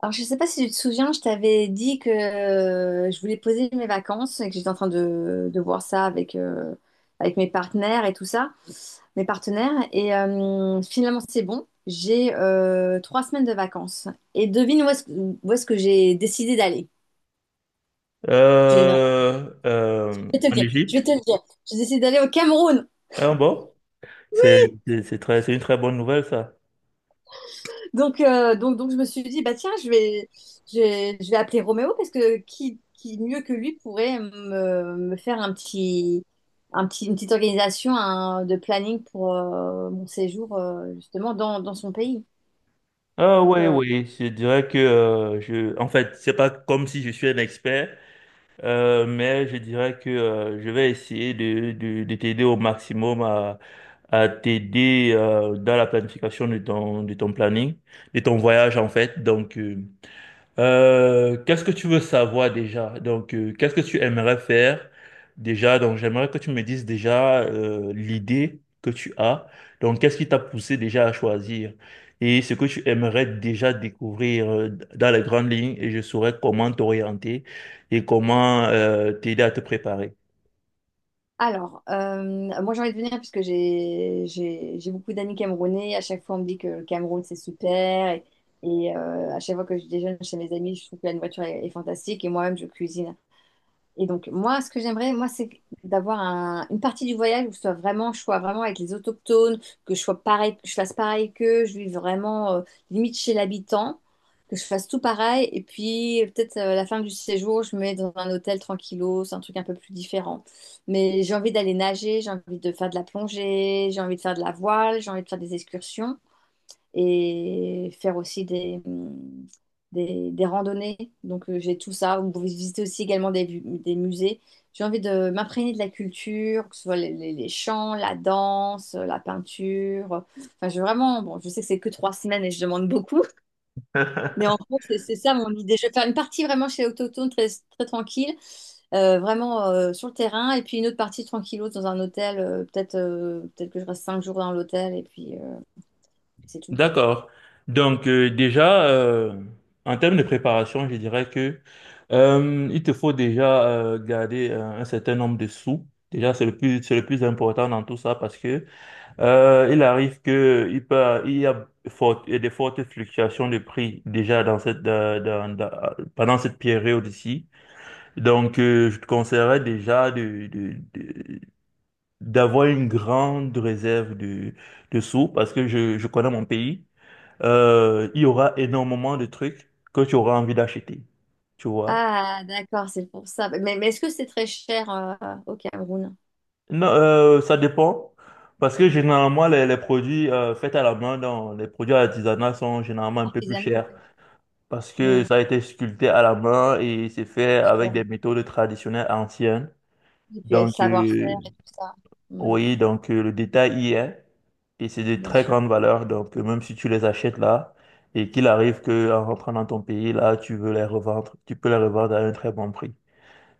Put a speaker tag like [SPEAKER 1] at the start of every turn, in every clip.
[SPEAKER 1] Alors, je ne sais pas si tu te souviens, je t'avais dit que je voulais poser mes vacances et que j'étais en train de voir ça avec, avec mes partenaires et tout ça, mes partenaires. Finalement, c'est bon. J'ai trois semaines de vacances. Et devine où est-ce que j'ai décidé d'aller. Je vais te le
[SPEAKER 2] En
[SPEAKER 1] dire.
[SPEAKER 2] Égypte.
[SPEAKER 1] J'ai décidé d'aller au Cameroun.
[SPEAKER 2] Ah bon, c'est c'est très, c'est une très bonne nouvelle ça.
[SPEAKER 1] Donc, je me suis dit, bah tiens, je vais appeler Roméo parce que qui mieux que lui pourrait me faire une petite organisation de planning pour mon séjour justement dans son pays.
[SPEAKER 2] Ah
[SPEAKER 1] Donc,
[SPEAKER 2] oui,
[SPEAKER 1] euh,
[SPEAKER 2] oui, je dirais que je, en fait c'est pas comme si je suis un expert, mais je dirais que je vais essayer de t'aider au maximum à t'aider dans la planification de ton planning, de ton voyage en fait. Qu'est-ce que tu veux savoir déjà? Donc, qu'est-ce que tu aimerais faire déjà? Donc, j'aimerais que tu me dises déjà l'idée que tu as. Donc, qu'est-ce qui t'a poussé déjà à choisir? Et ce que tu aimerais déjà découvrir dans les grandes lignes, et je saurais comment t'orienter et comment t'aider à te préparer.
[SPEAKER 1] alors, moi j'ai envie de venir puisque j'ai beaucoup d'amis camerounais. À chaque fois, on me dit que le Cameroun c'est super. Et à chaque fois que je déjeune chez mes amis, je trouve que la nourriture est fantastique. Et moi-même, je cuisine. Et donc, moi, ce que j'aimerais, moi, c'est d'avoir une partie du voyage où je sois vraiment avec les autochtones, que je sois pareil, que je fasse pareil qu'eux, je vive vraiment, limite chez l'habitant, que je fasse tout pareil. Et puis, peut-être à la fin du séjour, je me mets dans un hôtel tranquillo, c'est un truc un peu plus différent. Mais j'ai envie d'aller nager, j'ai envie de faire de la plongée, j'ai envie de faire de la voile, j'ai envie de faire des excursions et faire aussi des randonnées. J'ai tout ça. Vous pouvez visiter aussi également des, des musées. J'ai envie de m'imprégner de la culture, que ce soit les chants, la danse, la peinture. Enfin, je vraiment, bon, je sais que c'est que 3 semaines et je demande beaucoup, mais en gros, c'est ça mon idée. Je vais faire une partie vraiment chez Autochtone, très, très tranquille, vraiment sur le terrain, et puis une autre partie tranquille dans un hôtel. Peut-être que je reste 5 jours dans l'hôtel, et puis c'est tout.
[SPEAKER 2] D'accord. Donc déjà, en termes de préparation, je dirais que il te faut déjà garder un certain nombre de sous. Déjà, c'est le plus important dans tout ça parce que il arrive que il peut, il y a des fortes fluctuations de prix déjà dans cette, dans- dans- dans- pendant cette période ici. Donc, je te conseillerais déjà d'avoir une grande réserve de sous parce que je connais mon pays il y aura énormément de trucs que tu auras envie d'acheter. Tu vois?
[SPEAKER 1] Ah, d'accord, c'est pour ça. Mais est-ce que c'est très cher au Cameroun?
[SPEAKER 2] Non, ça dépend. Parce que généralement, les produits faits à la main, dans les produits artisanaux sont généralement un peu plus
[SPEAKER 1] Artisanat,
[SPEAKER 2] chers.
[SPEAKER 1] ouais.
[SPEAKER 2] Parce que
[SPEAKER 1] Mm,
[SPEAKER 2] ça a été sculpté à la main et c'est fait avec
[SPEAKER 1] sûr.
[SPEAKER 2] des méthodes traditionnelles anciennes.
[SPEAKER 1] Et puis il y a le
[SPEAKER 2] Donc,
[SPEAKER 1] savoir-faire et tout ça. Mm,
[SPEAKER 2] le détail y est. Et c'est de
[SPEAKER 1] bien
[SPEAKER 2] très
[SPEAKER 1] sûr.
[SPEAKER 2] grande valeur. Donc, même si tu les achètes là, et qu'il arrive que en rentrant dans ton pays, là, tu veux les revendre, tu peux les revendre à un très bon prix.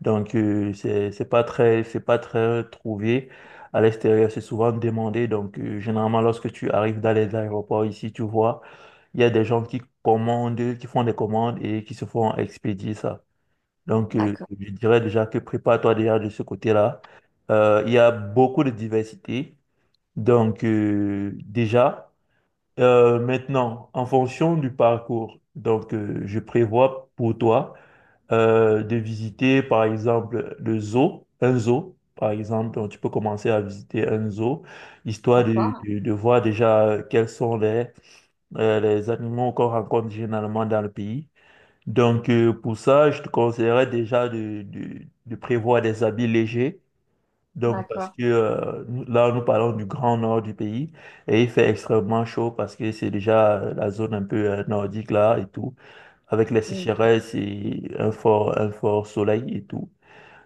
[SPEAKER 2] Donc, c'est pas très trouvé. À l'extérieur, c'est souvent demandé. Donc, généralement, lorsque tu arrives dans les aéroports ici, tu vois, il y a des gens qui commandent, qui font des commandes et qui se font expédier ça. Donc,
[SPEAKER 1] D'accord,
[SPEAKER 2] je dirais déjà que prépare-toi déjà de ce côté-là. Il y a beaucoup de diversité. Donc, maintenant, en fonction du parcours, donc, je prévois pour toi de visiter, par exemple, un zoo, par exemple. Donc, tu peux commencer à visiter un zoo, histoire
[SPEAKER 1] d'accord,
[SPEAKER 2] de voir déjà quels sont les animaux qu'on rencontre généralement dans le pays. Donc, pour ça, je te conseillerais déjà de prévoir des habits légers. Donc, parce
[SPEAKER 1] d'accord.
[SPEAKER 2] que là, nous parlons du grand nord du pays et il fait extrêmement chaud parce que c'est déjà la zone un peu nordique là et tout avec les
[SPEAKER 1] Mm,
[SPEAKER 2] sécheresses et un fort soleil et tout.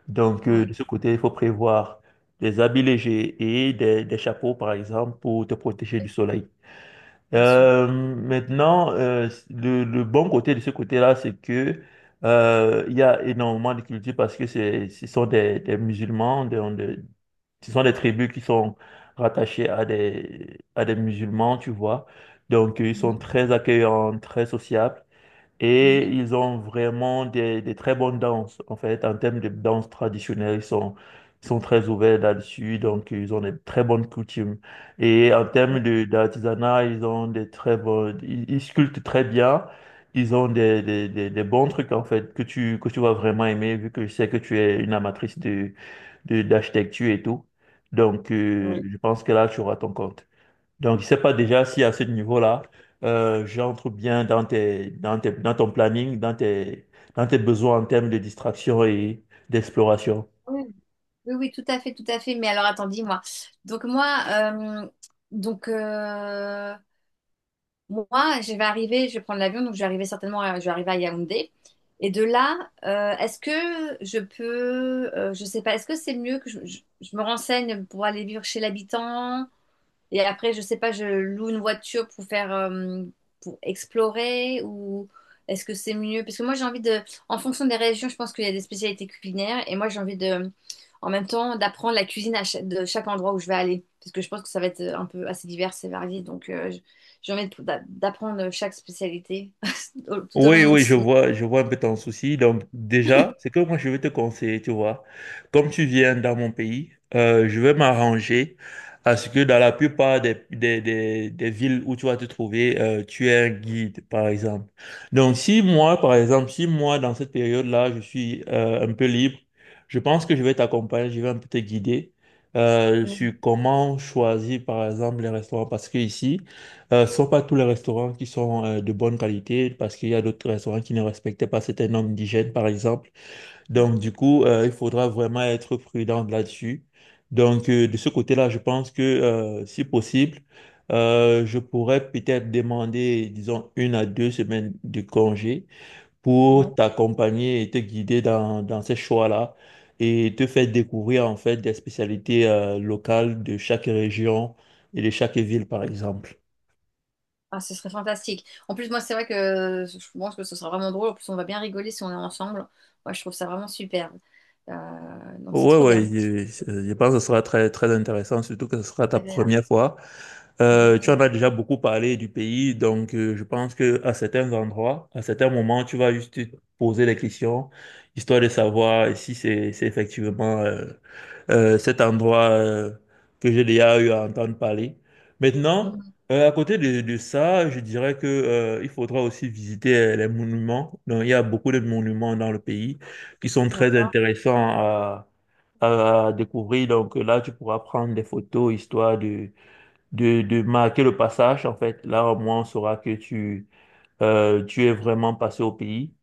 [SPEAKER 2] Donc,
[SPEAKER 1] ouais,
[SPEAKER 2] de ce côté, il faut prévoir des habits légers et des chapeaux, par exemple, pour te protéger
[SPEAKER 1] ouais,
[SPEAKER 2] du soleil.
[SPEAKER 1] bien sûr.
[SPEAKER 2] Le bon côté de ce côté-là, c'est que il y a énormément de cultures parce que c'est, ce sont des musulmans, ce sont des tribus qui sont rattachées à des musulmans, tu vois. Donc, ils
[SPEAKER 1] Mhm,
[SPEAKER 2] sont très accueillants, très sociables. Et
[SPEAKER 1] mhm,
[SPEAKER 2] ils ont vraiment des très bonnes danses. En fait, en termes de danse traditionnelle, ils sont très ouverts là-dessus. Donc, ils ont des très bonnes coutumes. Et en termes
[SPEAKER 1] mm,
[SPEAKER 2] d'artisanat, ils sculptent très bien. Ils ont des bons trucs, en fait, que tu vas vraiment aimer, vu que je sais que tu es une amatrice d'architecture et tout. Donc,
[SPEAKER 1] oui.
[SPEAKER 2] je pense que là, tu auras ton compte. Donc, je sais pas déjà si à ce niveau-là, j'entre bien dans ton planning, dans tes besoins en termes de distraction et d'exploration.
[SPEAKER 1] Oui, oui, oui, tout à fait, tout à fait. Mais alors, attends, dis-moi. Donc, moi, euh, donc, euh, Moi, je vais arriver, je vais prendre l'avion, donc je vais arriver certainement, à, je vais arriver à Yaoundé. Et de là, est-ce que je peux, je sais pas, est-ce que c'est mieux que je me renseigne pour aller vivre chez l'habitant? Et après, je sais pas, je loue une voiture pour faire, pour explorer ou est-ce que c'est mieux? Parce que moi, j'ai envie de, en fonction des régions, je pense qu'il y a des spécialités culinaires et moi, j'ai envie de, en même temps, d'apprendre la cuisine à de chaque endroit où je vais aller. Parce que je pense que ça va être un peu assez divers et varié. J'ai envie d'apprendre chaque spécialité tout au
[SPEAKER 2] Oui,
[SPEAKER 1] long de
[SPEAKER 2] oui, je vois un peu ton souci. Donc, déjà, c'est que moi, je vais te conseiller, tu vois. Comme tu viens dans mon pays, je vais m'arranger à ce que dans la plupart des villes où tu vas te trouver, tu aies un guide, par exemple. Donc, si moi, dans cette période-là, je suis un peu libre, je pense que je vais t'accompagner, je vais un peu te guider sur comment choisir, par exemple, les restaurants. Parce que ici, ce ne sont pas tous les restaurants qui sont de bonne qualité parce qu'il y a d'autres restaurants qui ne respectaient pas certaines normes d'hygiène, par exemple. Donc, du coup, il faudra vraiment être prudent là-dessus. Donc, de ce côté-là, je pense que, si possible, je pourrais peut-être demander, disons, une à deux semaines de congé
[SPEAKER 1] mon...
[SPEAKER 2] pour t'accompagner et te guider dans, dans ces choix-là et te faire découvrir, en fait, des spécialités locales de chaque région et de chaque ville, par exemple.
[SPEAKER 1] Ah, ce serait fantastique. En plus, moi, c'est vrai que je pense que ce sera vraiment drôle. En plus, on va bien rigoler si on est ensemble. Moi, je trouve ça vraiment superbe. C'est
[SPEAKER 2] Ouais,
[SPEAKER 1] trop
[SPEAKER 2] ouais,
[SPEAKER 1] bien.
[SPEAKER 2] je pense que ce sera très, très intéressant, surtout que ce sera
[SPEAKER 1] C'est
[SPEAKER 2] ta
[SPEAKER 1] agréable.
[SPEAKER 2] première fois. Tu en
[SPEAKER 1] Exactement.
[SPEAKER 2] as déjà beaucoup parlé du pays, donc je pense que à certains endroits, à certains moments, tu vas juste te poser des questions, histoire de savoir si c'est effectivement cet endroit que j'ai déjà eu à entendre parler. Maintenant,
[SPEAKER 1] Mhm.
[SPEAKER 2] à côté de ça, je dirais que il faudra aussi visiter les monuments. Donc, il y a beaucoup de monuments dans le pays qui sont très
[SPEAKER 1] D'accord,
[SPEAKER 2] intéressants à découvrir. Donc là, tu pourras prendre des photos histoire de marquer le passage. En fait, là, au moins, on saura que tu es vraiment passé au pays.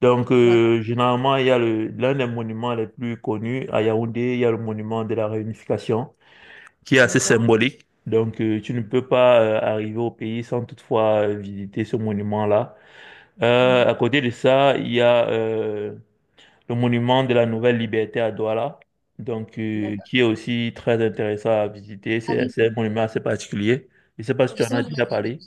[SPEAKER 2] Donc,
[SPEAKER 1] d'accord,
[SPEAKER 2] généralement, il y a le, l'un des monuments les plus connus à Yaoundé, il y a le monument de la Réunification, qui est assez
[SPEAKER 1] d'accord.
[SPEAKER 2] symbolique. Donc, tu ne peux pas arriver au pays sans toutefois visiter ce monument-là.
[SPEAKER 1] Mhm.
[SPEAKER 2] À côté de ça, il y a le monument de la Nouvelle Liberté à Douala, donc,
[SPEAKER 1] D'accord.
[SPEAKER 2] qui est aussi très intéressant à visiter.
[SPEAKER 1] Ah oui,
[SPEAKER 2] C'est un monument assez particulier. Je ne sais pas si tu en as
[SPEAKER 1] justement,
[SPEAKER 2] déjà parlé.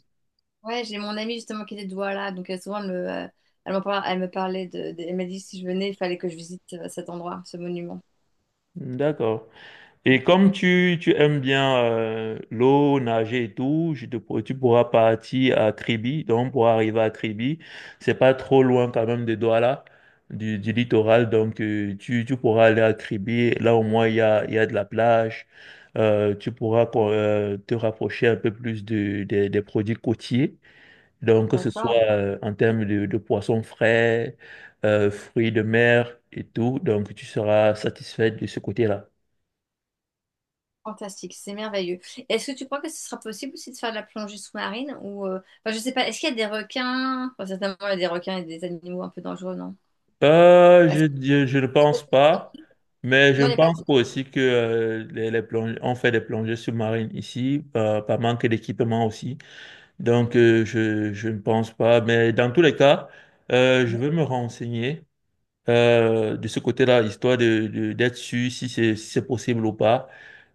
[SPEAKER 1] ouais, j'ai mon amie justement qui était de Douala, souvent elle elle me parlait elle m'a dit si je venais, il fallait que je visite cet endroit, ce monument.
[SPEAKER 2] D'accord. Et tu aimes bien l'eau, nager et tout, tu pourras partir à Kribi. Donc, pour arriver à Kribi, c'est pas trop loin quand même de Douala, du littoral. Donc, tu pourras aller à Kribi. Là, au moins, il y a de la plage. Tu pourras quoi, te rapprocher un peu plus de, des produits côtiers. Donc, que ce soit
[SPEAKER 1] D'accord,
[SPEAKER 2] en termes de poissons frais, fruits de mer et tout. Donc, tu seras satisfait de ce côté-là.
[SPEAKER 1] fantastique, c'est merveilleux. Est-ce que tu crois que ce sera possible aussi de faire de la plongée sous-marine ou enfin, je sais pas, est-ce qu'il y a des requins? Enfin, certainement il y a des requins et des animaux un peu dangereux, non? Est-ce
[SPEAKER 2] Je ne
[SPEAKER 1] que-
[SPEAKER 2] pense pas, mais je
[SPEAKER 1] Non,
[SPEAKER 2] ne
[SPEAKER 1] il
[SPEAKER 2] Ok.
[SPEAKER 1] n'y a pas
[SPEAKER 2] pense
[SPEAKER 1] de...
[SPEAKER 2] pas aussi que les on fait des plongées sous-marines ici par manque d'équipement aussi. Donc, je ne pense pas. Mais dans tous les cas, je vais me renseigner de ce côté-là, histoire d'être sûr si c'est si c'est possible ou pas,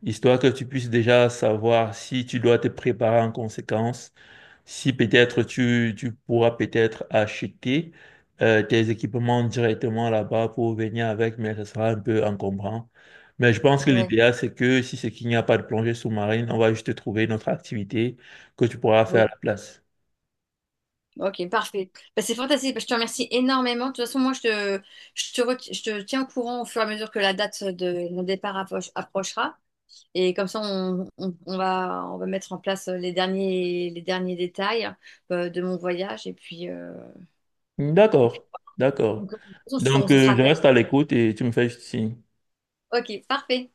[SPEAKER 2] histoire que tu puisses déjà savoir si tu dois te préparer en conséquence si peut-être tu pourras peut-être acheter tes équipements directement là-bas pour venir avec, mais ça sera un peu encombrant. Mais je pense que
[SPEAKER 1] Ouais,
[SPEAKER 2] l'idéal, c'est que si c'est qu'il n'y a pas de plongée sous-marine, on va juste trouver une autre activité que tu pourras faire à
[SPEAKER 1] oui.
[SPEAKER 2] la place.
[SPEAKER 1] Ok, parfait. Bah, c'est fantastique. Bah, je te remercie énormément. De toute façon, moi, je te, re- je te tiens au courant au fur et à mesure que la date de mon départ approchera. Et comme ça, on va mettre en place les derniers détails de mon voyage. Et puis, et puis
[SPEAKER 2] D'accord, d'accord.
[SPEAKER 1] donc, de toute façon, on
[SPEAKER 2] Donc,
[SPEAKER 1] se sera
[SPEAKER 2] je reste à l'écoute et tu me fais juste signe.
[SPEAKER 1] ok, parfait.